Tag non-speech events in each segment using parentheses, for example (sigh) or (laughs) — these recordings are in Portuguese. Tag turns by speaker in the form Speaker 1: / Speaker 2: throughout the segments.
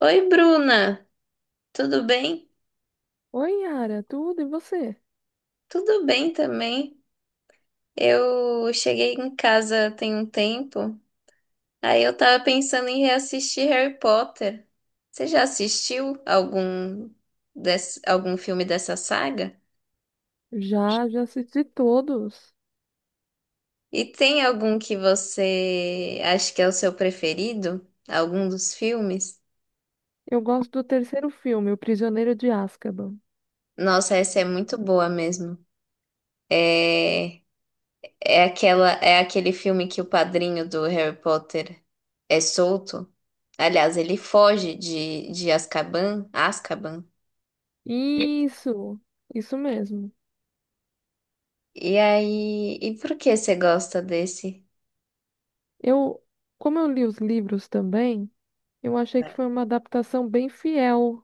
Speaker 1: Oi, Bruna, tudo bem?
Speaker 2: Oi, Yara, tudo e você?
Speaker 1: Tudo bem também. Eu cheguei em casa tem um tempo, aí eu tava pensando em reassistir Harry Potter. Você já assistiu algum algum filme dessa saga?
Speaker 2: Já, já assisti todos.
Speaker 1: E tem algum que você acha que é o seu preferido? Algum dos filmes?
Speaker 2: Eu gosto do terceiro filme, O Prisioneiro de Azkaban.
Speaker 1: Nossa, essa é muito boa mesmo. É é aquele filme que o padrinho do Harry Potter é solto. Aliás, ele foge de Azkaban.
Speaker 2: Isso, isso mesmo.
Speaker 1: E aí, e por que você gosta desse?
Speaker 2: Eu, como eu li os livros também, eu achei que foi uma adaptação bem fiel.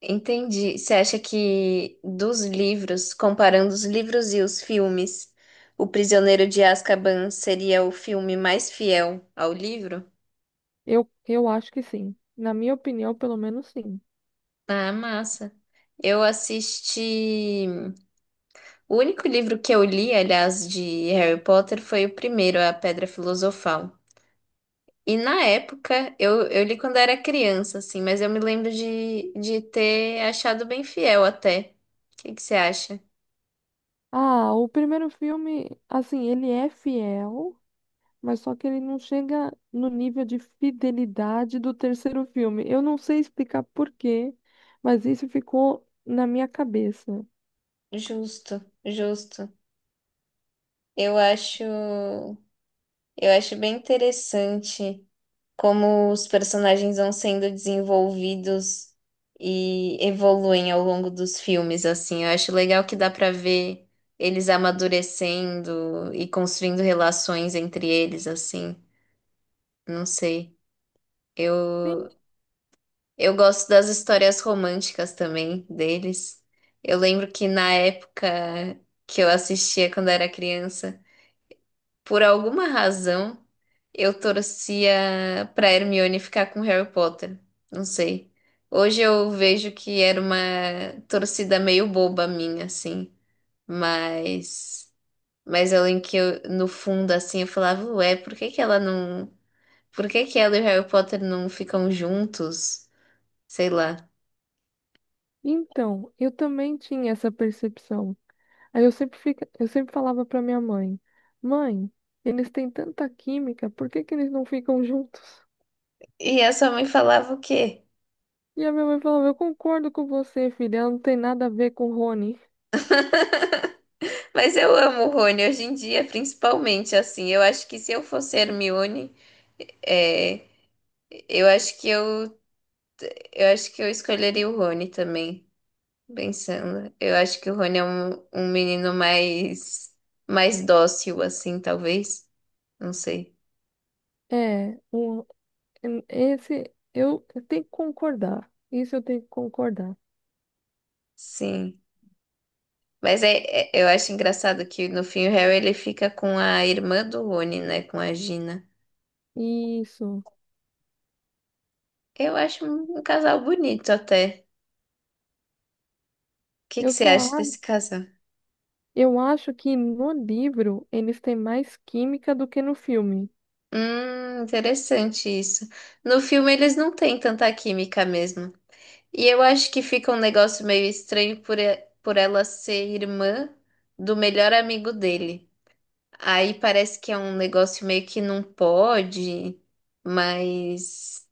Speaker 1: Entendi. Você acha que dos livros, comparando os livros e os filmes, O Prisioneiro de Azkaban seria o filme mais fiel ao livro?
Speaker 2: Eu acho que sim. Na minha opinião, pelo menos sim.
Speaker 1: Ah, massa. Eu assisti. O único livro que eu li, aliás, de Harry Potter foi o primeiro, A Pedra Filosofal. E na época, eu li quando era criança, assim, mas eu me lembro de ter achado bem fiel até. O que que você acha?
Speaker 2: Ah, o primeiro filme, assim, ele é fiel, mas só que ele não chega no nível de fidelidade do terceiro filme. Eu não sei explicar por quê, mas isso ficou na minha cabeça.
Speaker 1: Justo, justo. Eu acho bem interessante, como os personagens vão sendo desenvolvidos e evoluem ao longo dos filmes, assim. Eu acho legal que dá pra ver eles amadurecendo e construindo relações entre eles, assim. Não sei.
Speaker 2: Sim,
Speaker 1: Eu eu gosto das histórias românticas também deles. Eu lembro que na época que eu assistia quando era criança, por alguma razão, eu torcia pra Hermione ficar com Harry Potter. Não sei. Hoje eu vejo que era uma torcida meio boba minha, assim. Mas, mas eu lembro que eu, no fundo, assim, eu falava, ué, por que que ela não. Por que que ela e o Harry Potter não ficam juntos? Sei lá.
Speaker 2: então, eu também tinha essa percepção. Aí eu sempre falava para minha mãe: "Mãe, eles têm tanta química, por que que eles não ficam juntos?"
Speaker 1: E a sua mãe falava o quê?
Speaker 2: E a minha mãe falava: "Eu concordo com você, filha, ela não tem nada a ver com o Rony."
Speaker 1: Mas eu amo o Rony hoje em dia, principalmente, assim. Eu acho que se eu fosse Hermione, é, eu acho que eu Eu acho que eu escolheria o Rony também, pensando. Eu acho que o Rony é um menino mais, mais dócil, assim, talvez. Não sei.
Speaker 2: É, um, esse eu tenho que concordar. Isso eu tenho que concordar.
Speaker 1: Sim. Mas é, eu acho engraçado que no fim o Harry ele fica com a irmã do Rony, né? Com a Gina.
Speaker 2: Isso.
Speaker 1: Eu acho um casal bonito até. O que que
Speaker 2: Eu
Speaker 1: você
Speaker 2: só
Speaker 1: acha
Speaker 2: a-
Speaker 1: desse casal?
Speaker 2: eu acho que no livro eles têm mais química do que no filme.
Speaker 1: Interessante isso. No filme eles não têm tanta química mesmo. E eu acho que fica um negócio meio estranho por ela ser irmã do melhor amigo dele. Aí parece que é um negócio meio que não pode, mas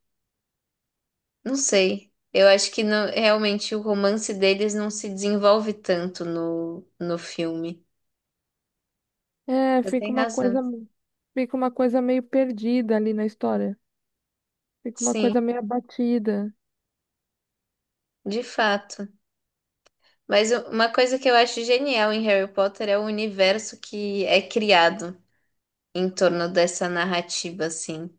Speaker 1: não sei. Eu acho que não- Realmente o romance deles não se desenvolve tanto no filme.
Speaker 2: É,
Speaker 1: Você tem razão.
Speaker 2: fica uma coisa meio perdida ali na história. Fica uma
Speaker 1: Sim,
Speaker 2: coisa meio abatida.
Speaker 1: de fato. Mas uma coisa que eu acho genial em Harry Potter é o universo que é criado em torno dessa narrativa, assim.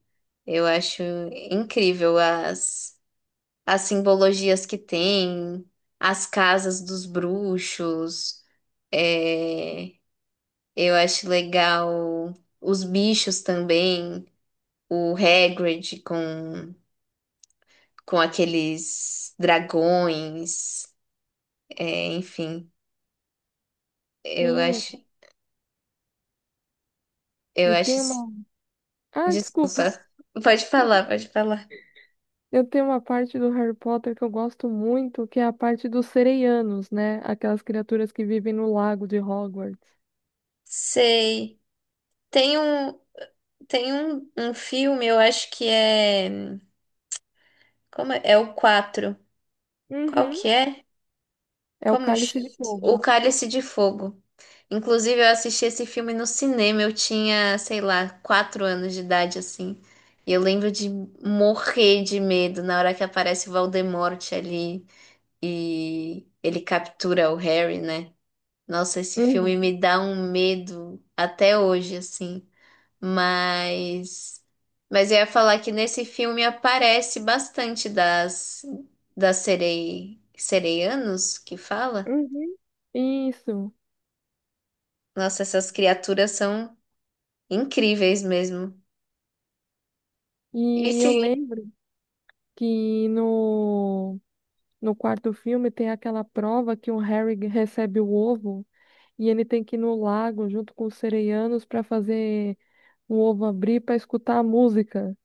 Speaker 1: Eu acho incrível as simbologias que tem, as casas dos bruxos. É, eu acho legal os bichos também, o Hagrid com aqueles dragões, é, enfim. Eu
Speaker 2: Sim.
Speaker 1: acho, eu
Speaker 2: E
Speaker 1: acho.
Speaker 2: tem
Speaker 1: isso-
Speaker 2: uma. Ah, desculpa.
Speaker 1: Desculpa,
Speaker 2: (laughs)
Speaker 1: pode falar, pode falar.
Speaker 2: Eu tenho uma parte do Harry Potter que eu gosto muito, que é a parte dos sereianos, né? Aquelas criaturas que vivem no lago de Hogwarts.
Speaker 1: Sei. Tem um, tem um filme, eu acho que é. Como é? É o quatro. Qual
Speaker 2: Uhum.
Speaker 1: que é?
Speaker 2: É o
Speaker 1: Como
Speaker 2: Cálice
Speaker 1: chama?
Speaker 2: de
Speaker 1: O
Speaker 2: Fogo.
Speaker 1: Cálice de Fogo. Inclusive, eu assisti esse filme no cinema. Eu tinha, sei lá, 4 anos de idade, assim. E eu lembro de morrer de medo na hora que aparece o Voldemort ali e ele captura o Harry, né? Nossa, esse filme
Speaker 2: Uhum.
Speaker 1: me dá um medo até hoje, assim. Mas, mas eu ia falar que nesse filme aparece bastante das sereianos que fala.
Speaker 2: Uhum. Isso.
Speaker 1: Nossa, essas criaturas são incríveis mesmo.
Speaker 2: E
Speaker 1: Esse,
Speaker 2: eu
Speaker 1: sim.
Speaker 2: lembro que no quarto filme tem aquela prova que o Harry recebe o ovo e ele tem que ir no lago junto com os sereianos para fazer o ovo abrir para escutar a música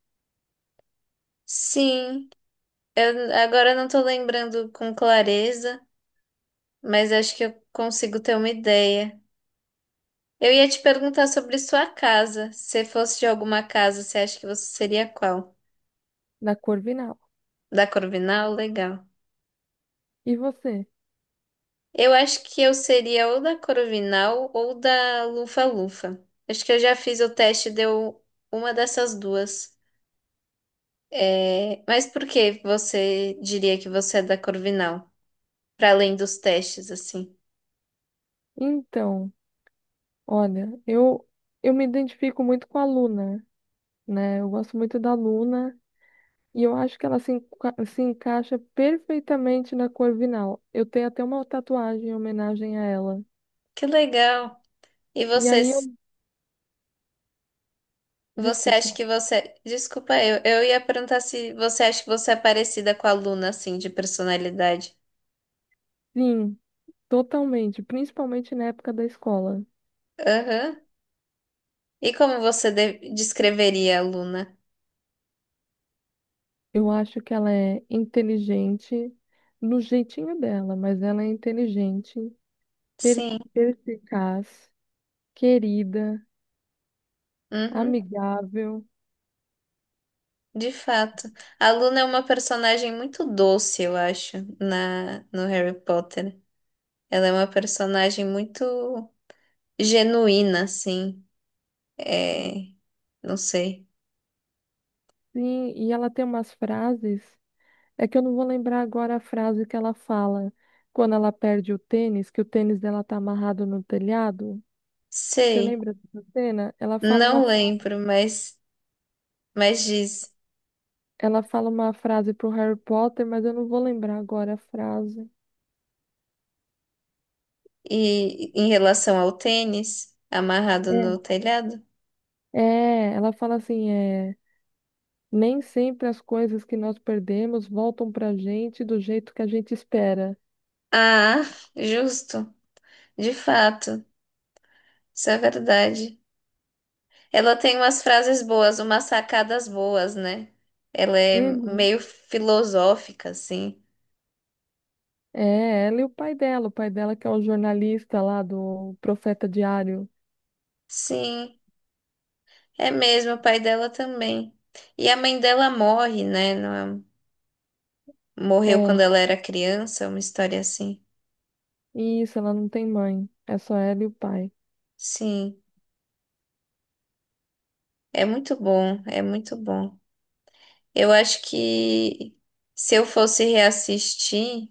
Speaker 1: Sim, eu agora não tô lembrando com clareza, mas acho que eu consigo ter uma ideia. Eu ia te perguntar sobre sua casa. Se fosse de alguma casa, você acha que você seria qual?
Speaker 2: da Corvinal.
Speaker 1: Da Corvinal? Legal.
Speaker 2: E você?
Speaker 1: Eu acho que eu seria ou da Corovinal ou da Lufa-Lufa. Acho que eu já fiz o teste, e deu uma dessas duas. É, mas por que você diria que você é da Corvinal? Para além dos testes, assim.
Speaker 2: Então, olha, eu me identifico muito com a Luna, né? Eu gosto muito da Luna. E eu acho que ela se encaixa perfeitamente na Corvinal. Eu tenho até uma tatuagem em homenagem a ela.
Speaker 1: Que legal! E
Speaker 2: E
Speaker 1: você,
Speaker 2: aí eu.
Speaker 1: você
Speaker 2: Desculpa.
Speaker 1: acha que você. Desculpa, eu ia perguntar se você acha que você é parecida com a Luna, assim, de personalidade.
Speaker 2: Sim. Totalmente, principalmente na época da escola.
Speaker 1: Aham. E como você descreveria a Luna?
Speaker 2: Eu acho que ela é inteligente no jeitinho dela, mas ela é inteligente, per-
Speaker 1: Sim.
Speaker 2: perspicaz, querida,
Speaker 1: Uhum.
Speaker 2: amigável.
Speaker 1: De fato. A Luna é uma personagem muito doce, eu acho, no Harry Potter. Ela é uma personagem muito genuína, assim. É, não sei.
Speaker 2: Sim, e ela tem umas frases, é que eu não vou lembrar agora a frase que ela fala quando ela perde o tênis, que o tênis dela tá amarrado no telhado. Você
Speaker 1: Sei.
Speaker 2: lembra dessa cena? Ela fala uma,
Speaker 1: Não
Speaker 2: fra-
Speaker 1: lembro, mas diz.
Speaker 2: ela fala uma frase pro Harry Potter, mas eu não vou lembrar agora a frase.
Speaker 1: E em relação ao tênis amarrado no telhado?
Speaker 2: É, ela fala assim, é, nem sempre as coisas que nós perdemos voltam pra gente do jeito que a gente espera.
Speaker 1: Ah, justo. De fato. Isso é verdade. Ela tem umas frases boas, umas sacadas boas, né? Ela é
Speaker 2: Uhum.
Speaker 1: meio filosófica, assim.
Speaker 2: É, ela e o pai dela que é o jornalista lá do Profeta Diário.
Speaker 1: Sim, é mesmo, o pai dela também. E a mãe dela morre, né? Não é- um, Morreu quando
Speaker 2: É,
Speaker 1: ela era criança, uma história assim.
Speaker 2: isso, ela não tem mãe, é só ela e o pai.
Speaker 1: Sim, é muito bom, é muito bom. Eu acho que se eu fosse reassistir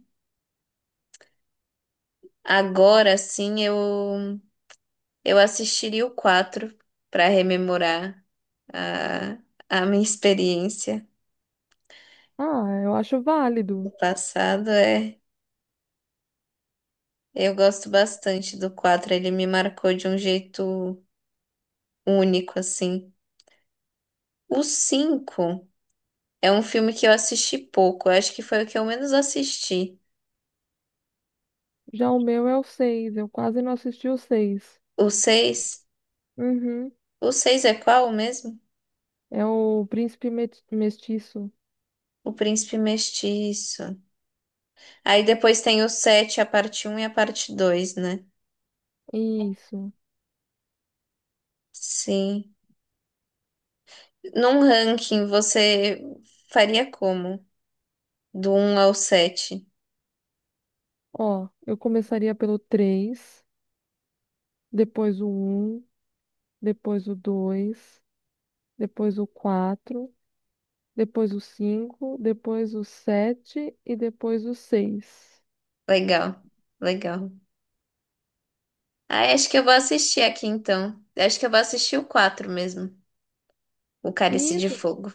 Speaker 1: agora, sim, eu assistiria o 4 para rememorar a, a minha experiência.
Speaker 2: Ah, eu acho válido.
Speaker 1: Passado é. Eu gosto bastante do quatro, ele me marcou de um jeito único, assim. O 5 é um filme que eu assisti pouco, eu acho que foi o que eu menos assisti.
Speaker 2: Já o meu é o seis, eu quase não assisti o seis.
Speaker 1: O seis
Speaker 2: Uhum.
Speaker 1: o 6 é qual mesmo?
Speaker 2: É o Príncipe Mestiço.
Speaker 1: O Príncipe Mestiço. Aí depois tem o sete, a parte um e a parte dois, né?
Speaker 2: Isso.
Speaker 1: Sim. Num ranking, você faria como? Do um ao sete.
Speaker 2: Ó, eu começaria pelo 3, depois o um, depois o dois, depois o quatro, depois o cinco, depois o 7 e depois o seis.
Speaker 1: Legal, legal. Ah, acho que eu vou assistir aqui então. Acho que eu vou assistir o 4 mesmo, o Cálice de
Speaker 2: Isso,
Speaker 1: Fogo.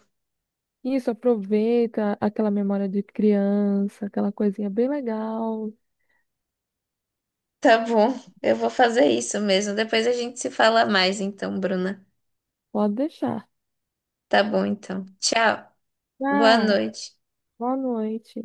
Speaker 2: isso, aproveita aquela memória de criança, aquela coisinha bem legal.
Speaker 1: Tá bom, eu vou fazer isso mesmo. Depois a gente se fala mais então, Bruna.
Speaker 2: Pode deixar.
Speaker 1: Tá bom então. Tchau. Boa
Speaker 2: Tchau,
Speaker 1: noite.
Speaker 2: boa noite.